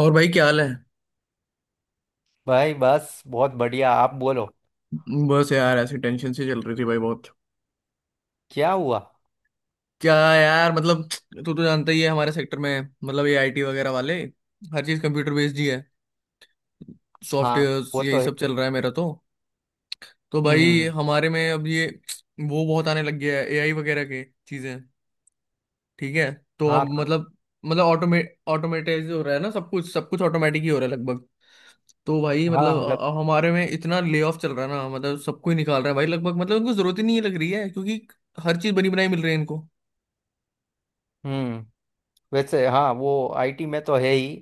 और भाई, क्या हाल है? भाई बस बहुत बढ़िया, आप बोलो। बस यार, ऐसी टेंशन सी चल रही थी भाई, बहुत। क्या हुआ? क्या यार, मतलब। तू तो जानता ही है, हमारे सेक्टर में मतलब ये आईटी वगैरह वाले हर चीज कंप्यूटर बेस्ड ही है। हाँ, सॉफ्टवेयर वो तो यही है। सब चल रहा है मेरा तो। तो हम्म, भाई हम्म। हमारे में अब ये, वो बहुत आने लग गया है एआई वगैरह के चीजें। ठीक है। तो अब हाँ। मतलब, मतलब ऑटोमेटाइज हो रहा है ना, सब कुछ ऑटोमेटिक ही हो रहा है लगभग। तो भाई मतलब हाँ, लग। हमारे में इतना ले ऑफ चल रहा है ना, मतलब सबको ही निकाल रहा है भाई लगभग, मतलब उनको जरूरत ही नहीं लग रही है, क्योंकि हर चीज बनी बनाई मिल रही है इनको। हम्म। वैसे हाँ, वो आईटी में तो है ही।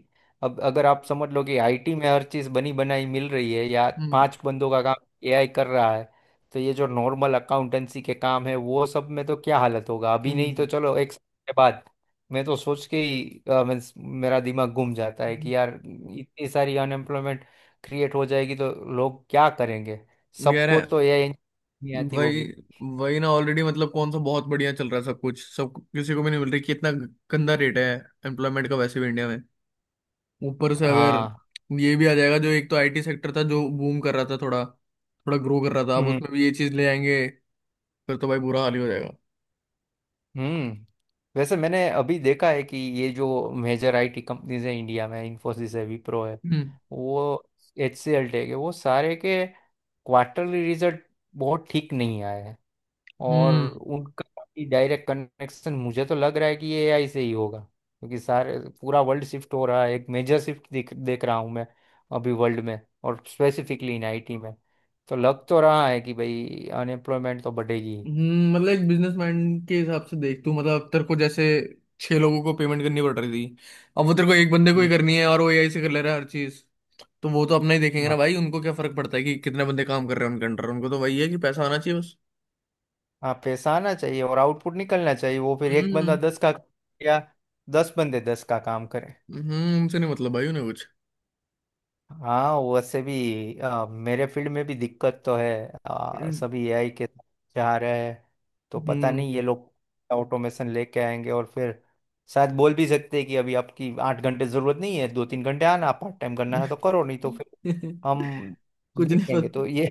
अब अगर आप समझ लो कि आईटी में हर चीज़ बनी बनाई मिल रही है, या हम्म पांच बंदों का काम एआई कर रहा है, तो ये जो नॉर्मल अकाउंटेंसी के काम है वो सब में तो क्या हालत होगा, अभी नहीं हम्म। तो चलो एक साल के बाद। मैं तो सोच के ही means मेरा दिमाग घूम जाता है कि यार इतनी सारी अनएम्प्लॉयमेंट क्रिएट हो जाएगी तो लोग क्या करेंगे? यार है। सबको तो एआई नहीं आती वही। होगी। वही ना, ऑलरेडी मतलब कौन सा बहुत बढ़िया चल रहा है सब कुछ, सब किसी को भी नहीं मिल रही, कितना गंदा रेट है एम्प्लॉयमेंट का वैसे भी इंडिया में। ऊपर से अगर हाँ। ये भी आ जाएगा, जो एक तो आईटी सेक्टर था जो बूम कर रहा था, थोड़ा थोड़ा ग्रो कर रहा था, अब उसमें भी ये चीज ले आएंगे, फिर तो भाई बुरा हाल ही हो जाएगा। हम्म। वैसे मैंने अभी देखा है कि ये जो मेजर आईटी कंपनीज हैं इंडिया में, इंफोसिस है, विप्रो है, हम्म वो एचसीएल टेक है, वो सारे के क्वार्टरली रिजल्ट बहुत ठीक नहीं आए हैं। और हम्म उनका डायरेक्ट कनेक्शन मुझे तो लग रहा है कि ये एआई से ही होगा, क्योंकि सारे, पूरा वर्ल्ड शिफ्ट हो रहा है, एक मेजर शिफ्ट देख देख रहा हूँ मैं अभी वर्ल्ड में, और स्पेसिफिकली इन आईटी में। तो लग तो रहा है कि भाई अनएम्प्लॉयमेंट तो बढ़ेगी ही। मतलब एक बिजनेसमैन के हिसाब से देख तू, मतलब तेरे को जैसे छह लोगों को पेमेंट करनी पड़ रही थी, अब वो तेरे को एक बंदे को ही हम्म। करनी है और वो एआई से कर ले रहा है हर चीज। तो वो तो अपना ही देखेंगे ना भाई, उनको क्या फर्क पड़ता है कि कितने बंदे काम कर रहे हैं उनके अंडर, उनको तो वही है कि पैसा आना चाहिए बस। हाँ, पैसा आना चाहिए और आउटपुट निकलना चाहिए, वो फिर एक हम्म। बंदा 10 का, या 10 बंदे 10 का काम करें। हम्म, उनसे नहीं, मतलब भाई उन्हें कुछ। हाँ, वैसे भी मेरे फील्ड में भी दिक्कत तो है, हम्म सभी एआई के जा रहे हैं। तो पता हम्म। नहीं ये लोग ऑटोमेशन लेके आएंगे और फिर शायद बोल भी सकते हैं कि अभी आपकी 8 घंटे जरूरत नहीं है, 2 3 घंटे आना, पार्ट टाइम करना है तो करो, नहीं तो फिर हम कुछ देख नहीं लेंगे। पता। तो ये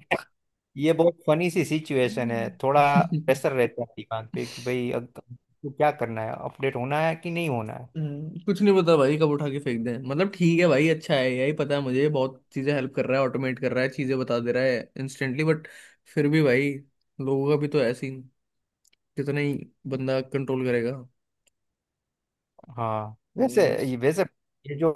ये बहुत फनी सी सिचुएशन है। थोड़ा प्रेशर रहता है दिमाग पे कि भाई अब तो क्या करना है, अपडेट होना है कि नहीं होना है। कुछ नहीं पता भाई, कब उठा के फेंक दें। मतलब ठीक है भाई, अच्छा है यही पता है मुझे, बहुत चीजें हेल्प कर रहा है, ऑटोमेट कर रहा है, चीजें बता दे रहा है इंस्टेंटली, बट फिर भी भाई लोगों का भी तो ऐसे ही, कितना ही बंदा कंट्रोल करेगा। हाँ, वैसे हम्म। ये, वैसे ये जो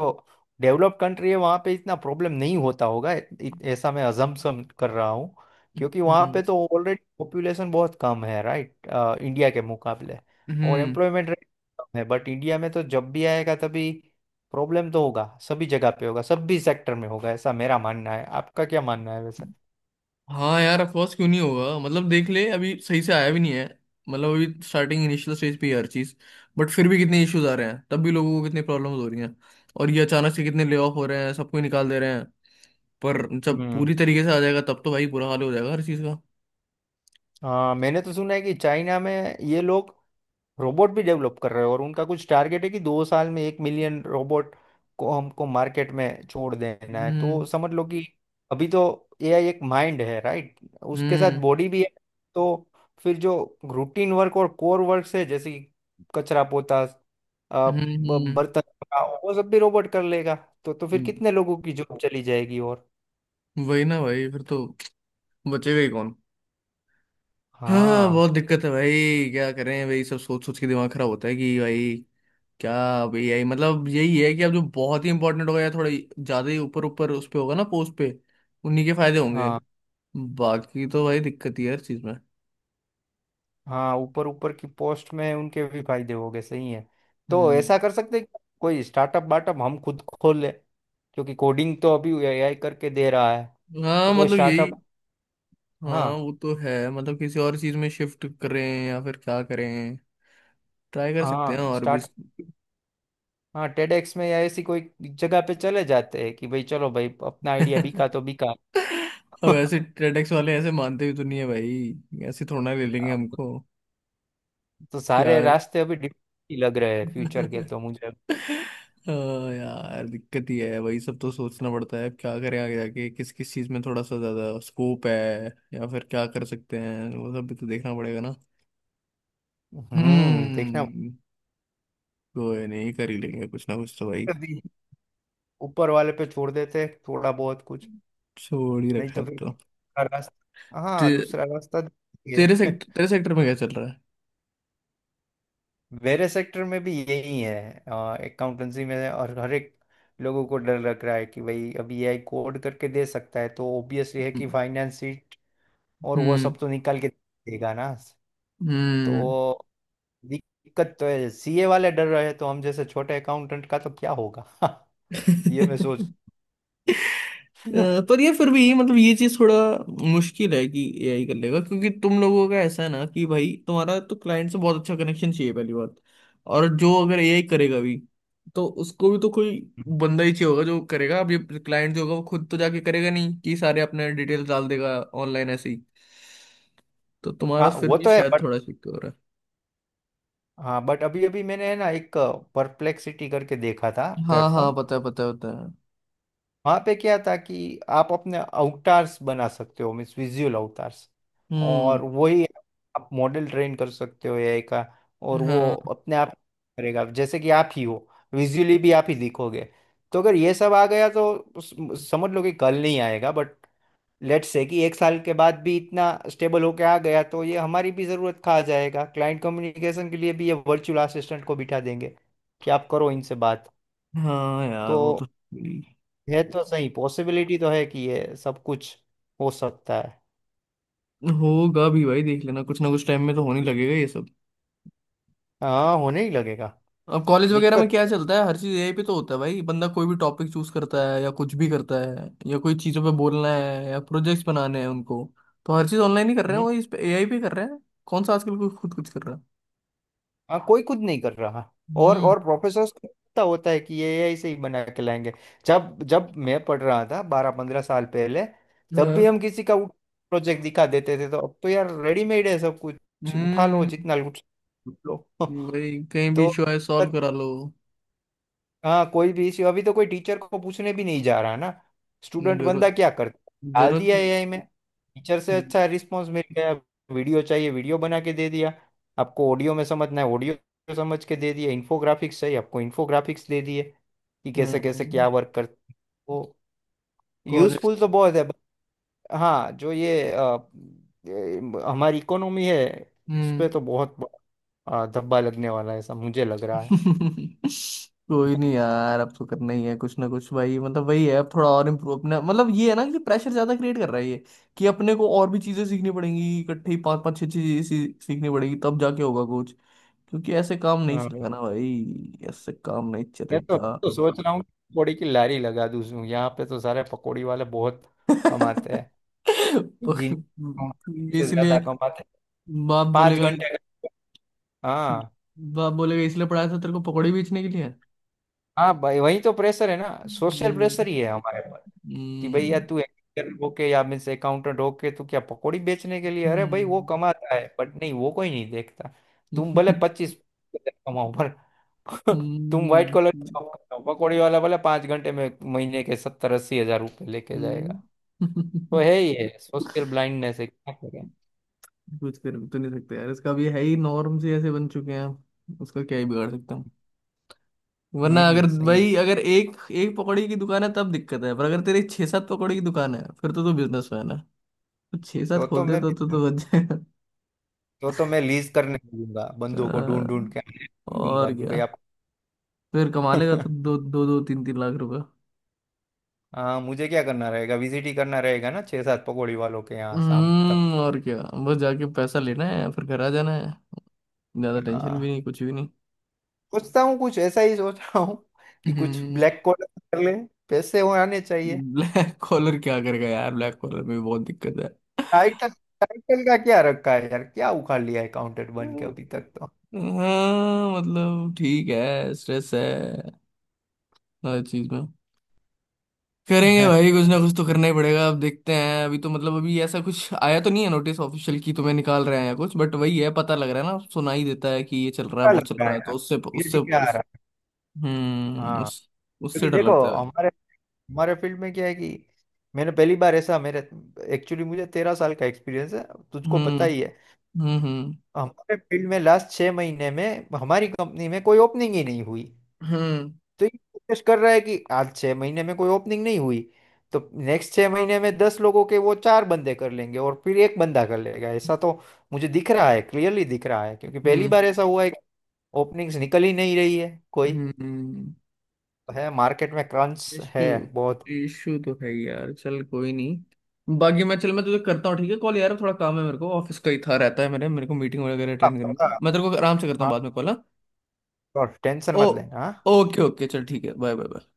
डेवलप्ड कंट्री है, वहाँ पे इतना प्रॉब्लम नहीं होता होगा, ऐसा मैं अजम्पशन कर रहा हूँ। क्योंकि वहाँ पे तो ऑलरेडी पॉपुलेशन बहुत कम है, राइट, इंडिया के मुकाबले, और हम्म। एम्प्लॉयमेंट रेट कम है। बट इंडिया में तो जब भी आएगा, तभी प्रॉब्लम तो होगा, सभी जगह पे होगा, सभी सेक्टर में होगा, ऐसा मेरा मानना है। आपका क्या मानना है वैसे? हाँ यार, अफकोर्स क्यों नहीं होगा। मतलब देख ले, अभी सही से आया भी नहीं है, मतलब अभी स्टार्टिंग इनिशियल स्टेज पे ही है हर चीज, बट फिर भी कितने इश्यूज आ रहे हैं, तब भी लोगों को कितनी प्रॉब्लम्स हो रही हैं, और ये अचानक से कितने ले ऑफ हो रहे हैं, सबको ही निकाल दे रहे हैं। पर जब हम्म। पूरी तरीके से आ जाएगा, तब तो भाई बुरा हाल हो जाएगा हर चीज का। हाँ, मैंने तो सुना है कि चाइना में ये लोग रोबोट भी डेवलप कर रहे हैं, और उनका कुछ टारगेट है कि 2 साल में 1 मिलियन रोबोट को हमको मार्केट में छोड़ देना है। हम्म तो समझ लो कि अभी तो एआई एक माइंड है, राइट, उसके साथ हम्म बॉडी भी है। तो फिर जो रूटीन वर्क और कोर वर्क है, जैसे कि कचरा पोता, अ, हम्म बर्तन धोना, वो सब भी रोबोट कर लेगा। तो फिर हम्म, कितने लोगों की जॉब चली जाएगी। और वही ना भाई, फिर तो बचेगा ही कौन। हाँ हाँ, बहुत दिक्कत है भाई, क्या करें भाई। सब सोच सोच के दिमाग खराब होता है कि भाई क्या। अब एआई मतलब यही है कि अब जो बहुत ही इंपॉर्टेंट होगा, या थोड़ा ज्यादा ही ऊपर ऊपर उस पे होगा ना पोस्ट पे, उन्हीं के फायदे होंगे, हाँ, बाकी तो भाई दिक्कत ही है हर चीज में। हाँ, ऊपर ऊपर की पोस्ट में है, उनके भी फायदे हो गए, सही है। तो हम्म। ऐसा कर सकते हैं कि कोई स्टार्टअप वार्टअप हम खुद खोल ले, क्योंकि कोडिंग तो अभी एआई करके दे रहा है। हाँ तो कोई मतलब यही। स्टार्टअप, हाँ हाँ, वो तो है, मतलब किसी और चीज में शिफ्ट करें या फिर क्या करें। ट्राई कर सकते हैं हाँ, और भी। स्टार्ट, हाँ, टेडेक्स में या ऐसी कोई जगह पे चले जाते हैं कि भाई चलो भाई अपना आइडिया बिका तो बिका। अब ऐसे ट्रेडेक्स वाले ऐसे मानते भी तो नहीं है भाई, ऐसे थोड़ा ना ले लेंगे अब हमको, तो कि सारे यार। रास्ते अभी डिफरेंट ही लग रहे हैं फ्यूचर के तो मुझे। हाँ यार दिक्कत ही है। वही सब तो सोचना पड़ता है, अब क्या करें, आगे जाके किस किस चीज में थोड़ा सा ज्यादा स्कोप है या फिर क्या कर सकते हैं, वो सब भी तो देखना पड़ेगा ना। हम्म, देखना। हम्म। कोई नहीं, कर ही लेंगे कुछ ना कुछ तो भाई। अभी ऊपर वाले पे छोड़ देते हैं थोड़ा बहुत कुछ, छोड़ ही नहीं रखा तो है अब फिर तो। दूसरा रास्ता, ते, हाँ, दूसरा रास्ता तेरे देखेंगे। सेक्टर तेरे सेक्टर में क्या चल रहा है? मेरे सेक्टर में भी यही है, अकाउंटेंसी में, और हर एक लोगों को डर लग रहा है कि भाई अभी एआई कोड करके दे सकता है, तो ऑब्वियसली है हम्म कि फाइनेंस शीट और वो हम्म सब तो निकाल के देगा ना। तो हम्म। दिक्कत तो है, सीए वाले डर रहे हैं, तो हम जैसे छोटे अकाउंटेंट का तो क्या होगा। ये मैं सोच। पर ये फिर भी मतलब ये चीज थोड़ा मुश्किल है कि एआई कर लेगा, क्योंकि तुम लोगों का ऐसा है ना कि भाई तुम्हारा तो क्लाइंट से बहुत अच्छा कनेक्शन चाहिए, पहली बात। और जो अगर एआई करेगा भी, तो उसको भी तो कोई बंदा ही चाहिए होगा जो करेगा। अब ये क्लाइंट जो होगा, वो खुद तो जाके करेगा नहीं कि सारे अपने डिटेल्स डाल देगा ऑनलाइन ऐसे ही। तो तुम्हारा हाँ, फिर वो भी तो है, शायद बट, थोड़ा सिक्योर हो रहा हाँ, बट अभी अभी मैंने, है ना, एक परप्लेक्सिटी करके देखा था है। हाँ हाँ, प्लेटफॉर्म। पता है पता है पता है। वहाँ पे क्या था कि आप अपने अवतार्स बना सकते हो, मीन्स विजुअल अवतार्स, हम्म। और वही आप मॉडल ट्रेन कर सकते हो एआई का, और वो हाँ। अपने आप करेगा जैसे कि आप ही हो, विजुअली भी आप ही दिखोगे। तो अगर ये सब आ गया तो उस- समझ लो कि कल नहीं आएगा, बट लेट्स से कि एक साल के बाद भी इतना स्टेबल होके आ गया, तो ये हमारी भी ज़रूरत खा जाएगा। क्लाइंट कम्युनिकेशन के लिए भी ये वर्चुअल असिस्टेंट को बिठा देंगे कि आप करो इनसे बात। हाँ यार तो वो तो। है, तो सही, पॉसिबिलिटी तो है कि ये सब कुछ हो सकता है। होगा भी भाई, देख लेना कुछ ना कुछ टाइम में तो होने लगेगा ये सब। हाँ, होने ही लगेगा। अब कॉलेज वगैरह में दिक्कत। क्या चलता है, हर चीज एआई पे तो होता है भाई। बंदा कोई भी टॉपिक चूज करता है, या कुछ भी करता है, या कोई चीजों पे बोलना है या प्रोजेक्ट्स बनाने हैं उनको, तो हर चीज ऑनलाइन ही कर रहे हैं, हम्म। वो इस पे एआई पे कर रहे हैं। कौन सा आजकल कोई खुद कुछ कर रहा है। हाँ, कोई कुछ नहीं कर रहा। हम्म। और प्रोफेसर को पता होता है कि ये ऐसे ही बना के लाएंगे। जब जब मैं पढ़ रहा था, 12 15 साल पहले, तब भी हाँ। हम किसी का प्रोजेक्ट दिखा देते थे। तो अब तो यार रेडीमेड है सब कुछ, उठा लो हम्म। जितना लूट, लूट लो। भाई कहीं भी तो इशू आए, सॉल्व करा लो। हाँ, कोई भी इश्यू अभी तो कोई टीचर को पूछने भी नहीं जा रहा ना। स्टूडेंट बंदा जरूरत। क्या करता है, डाल जरूरत दिया ही-। एआई में, टीचर से हम्म। अच्छा रिस्पॉन्स मिल गया। वीडियो चाहिए, वीडियो बना के दे दिया। आपको ऑडियो में समझना है, ऑडियो समझ के दे दिया। इन्फोग्राफिक्स चाहिए आपको, इन्फोग्राफिक्स दे दिए, कि कैसे कॉलेज कैसे क्या हम्म। वर्क करते। वो college-। यूजफुल तो बहुत है, but हाँ, जो ये ये हमारी इकोनॉमी है, उस पर हम्म, तो बहुत बड़ा, धब्बा लगने वाला है, ऐसा मुझे लग रहा कोई नहीं यार, अब तो करना ही है कुछ ना कुछ भाई। मतलब वही है, अब थोड़ा और इम्प्रूव अपना, मतलब ये है ना कि प्रेशर ज्यादा क्रिएट कर रहा है ये, कि अपने को और भी चीजें सीखनी पड़ेंगी, इकट्ठे ही पांच पांच छह छह चीजें सीखनी पड़ेगी, तब जाके होगा कुछ। क्योंकि ऐसे काम नहीं है। चलेगा ना भाई, ऐसे काम नहीं मैं तो मैं चलेगा। तो सोच रहा हूँ पकौड़ी की लारी लगा दूँ यहाँ पे, तो सारे पकौड़ी वाले बहुत कमाते हैं, जिन, तो सबसे ज्यादा इसलिए। कमाते हैं। बाप पाँच बोलेगा घंटे इस- का। हाँ। बाप बोलेगा, इसलिए पढ़ाया था तेरे को, पकौड़े बेचने के लिए? हाँ भाई, वही तो प्रेशर है ना, सोशल हम्म प्रेशर ही है हमारे पर, कि भाई यार हम्म तू एक्टर होके, या मीन्स अकाउंटेंट होके, तू क्या पकौड़ी बेचने के लिए? अरे भाई, वो हम्म। कमाता है, बट नहीं, वो कोई नहीं देखता। तुम भले 25 कमाओ पर, तुम व्हाइट हम्म कॉलर हम्म, जॉब करते हो। पकौड़ी वाला भले 5 घंटे में महीने के 70 80 हज़ार रुपये लेके जाएगा। तो हम्म। है ही, है, सोशल ब्लाइंडनेस है, क्या करें। कुछ कर तो नहीं सकते यार, इसका भी है ही। नॉर्म्स ही ऐसे बन चुके हैं, उसका क्या ही बिगाड़ सकता हूँ। वरना अगर हम्म, सही है। भाई, अगर एक एक पकौड़ी की दुकान है तब दिक्कत है, पर अगर तेरी छह सात पकौड़ी की दुकान है फिर तो तू बिजनेसमैन है। तो छह सात तो तो खोल दे, मैं तो बच जाएगा। तो तो मैं लीज करने दूंगा, बंदों को ढूंढ ढूंढ के दूंगा और कि भाई क्या। आप। फिर कमा लेगा तो दो दो दो तीन तीन लाख रुपए। हाँ, मुझे क्या करना रहेगा, विजिट ही करना रहेगा ना, छह सात पकौड़ी वालों के यहाँ शाम तक। हम्म, और क्या। बस जाके पैसा लेना है, फिर घर आ जाना है। ज्यादा टेंशन भी हाँ, नहीं, कुछ भी नहीं। सोचता हूँ, कुछ ऐसा ही सोच रहा हूँ, कि कुछ हम्म। ब्लैक कॉलर कर ले, पैसे हो आने चाहिए। ब्लैक कॉलर क्या करेगा यार, ब्लैक कॉलर में भी बहुत दिक्कत है। टाइटल टाइटल का क्या रखा है यार, क्या उखाड़ लिया है काउंटेड बन के अभी तक तो। हाँ मतलब ठीक है, स्ट्रेस है हर चीज में। करेंगे भाई, कुछ क्या ना कुछ तो करना ही पड़ेगा। अब देखते हैं, अभी तो मतलब अभी ऐसा कुछ आया तो नहीं है नोटिस ऑफिशियल की तुम्हें निकाल रहे हैं या कुछ, बट वही है, पता लग रहा है ना, सुना ही देता है कि ये चल रहा है वो लग चल रहा रहा है है, तो यार, उससे ये उससे जी क्या आ उस। रहा है। हाँ, उस। क्योंकि उससे डर देखो लगता है। हमारे, फील्ड में क्या है कि मैंने पहली बार ऐसा, मेरे, एक्चुअली मुझे 13 साल का एक्सपीरियंस है, तुझको पता हम्म ही है। हम्म हम्म हमारे फील्ड में लास्ट 6 महीने में हमारी कंपनी में कोई ओपनिंग ही नहीं हुई। तो ये फोकस कर रहा है कि आज 6 महीने में कोई ओपनिंग नहीं हुई, तो नेक्स्ट 6 महीने में 10 लोगों के वो चार बंदे कर लेंगे, और फिर एक बंदा कर लेगा। ऐसा तो मुझे दिख रहा है, क्लियरली दिख रहा है, क्योंकि पहली हम्म बार ऐसा हुआ है कि ओपनिंग्स निकल ही नहीं रही है कोई। हम्म। है, मार्केट में क्रंच इशू। है बहुत। इशू तो है यार। चल कोई नहीं, बाकी मैं चल, मैं तुझे करता हूँ ठीक है कॉल, यार थोड़ा काम है मेरे को, ऑफिस का ही था, रहता है, मेरे मेरे को मीटिंग वगैरह हाँ, अटेंड करनी है, मैं तेरे को आराम से करता हूँ हाँ, बाद में कॉल। हाँ। और टेंशन ओ। मत लेना। ओके ओके, चल ठीक है, बाय बाय बाय।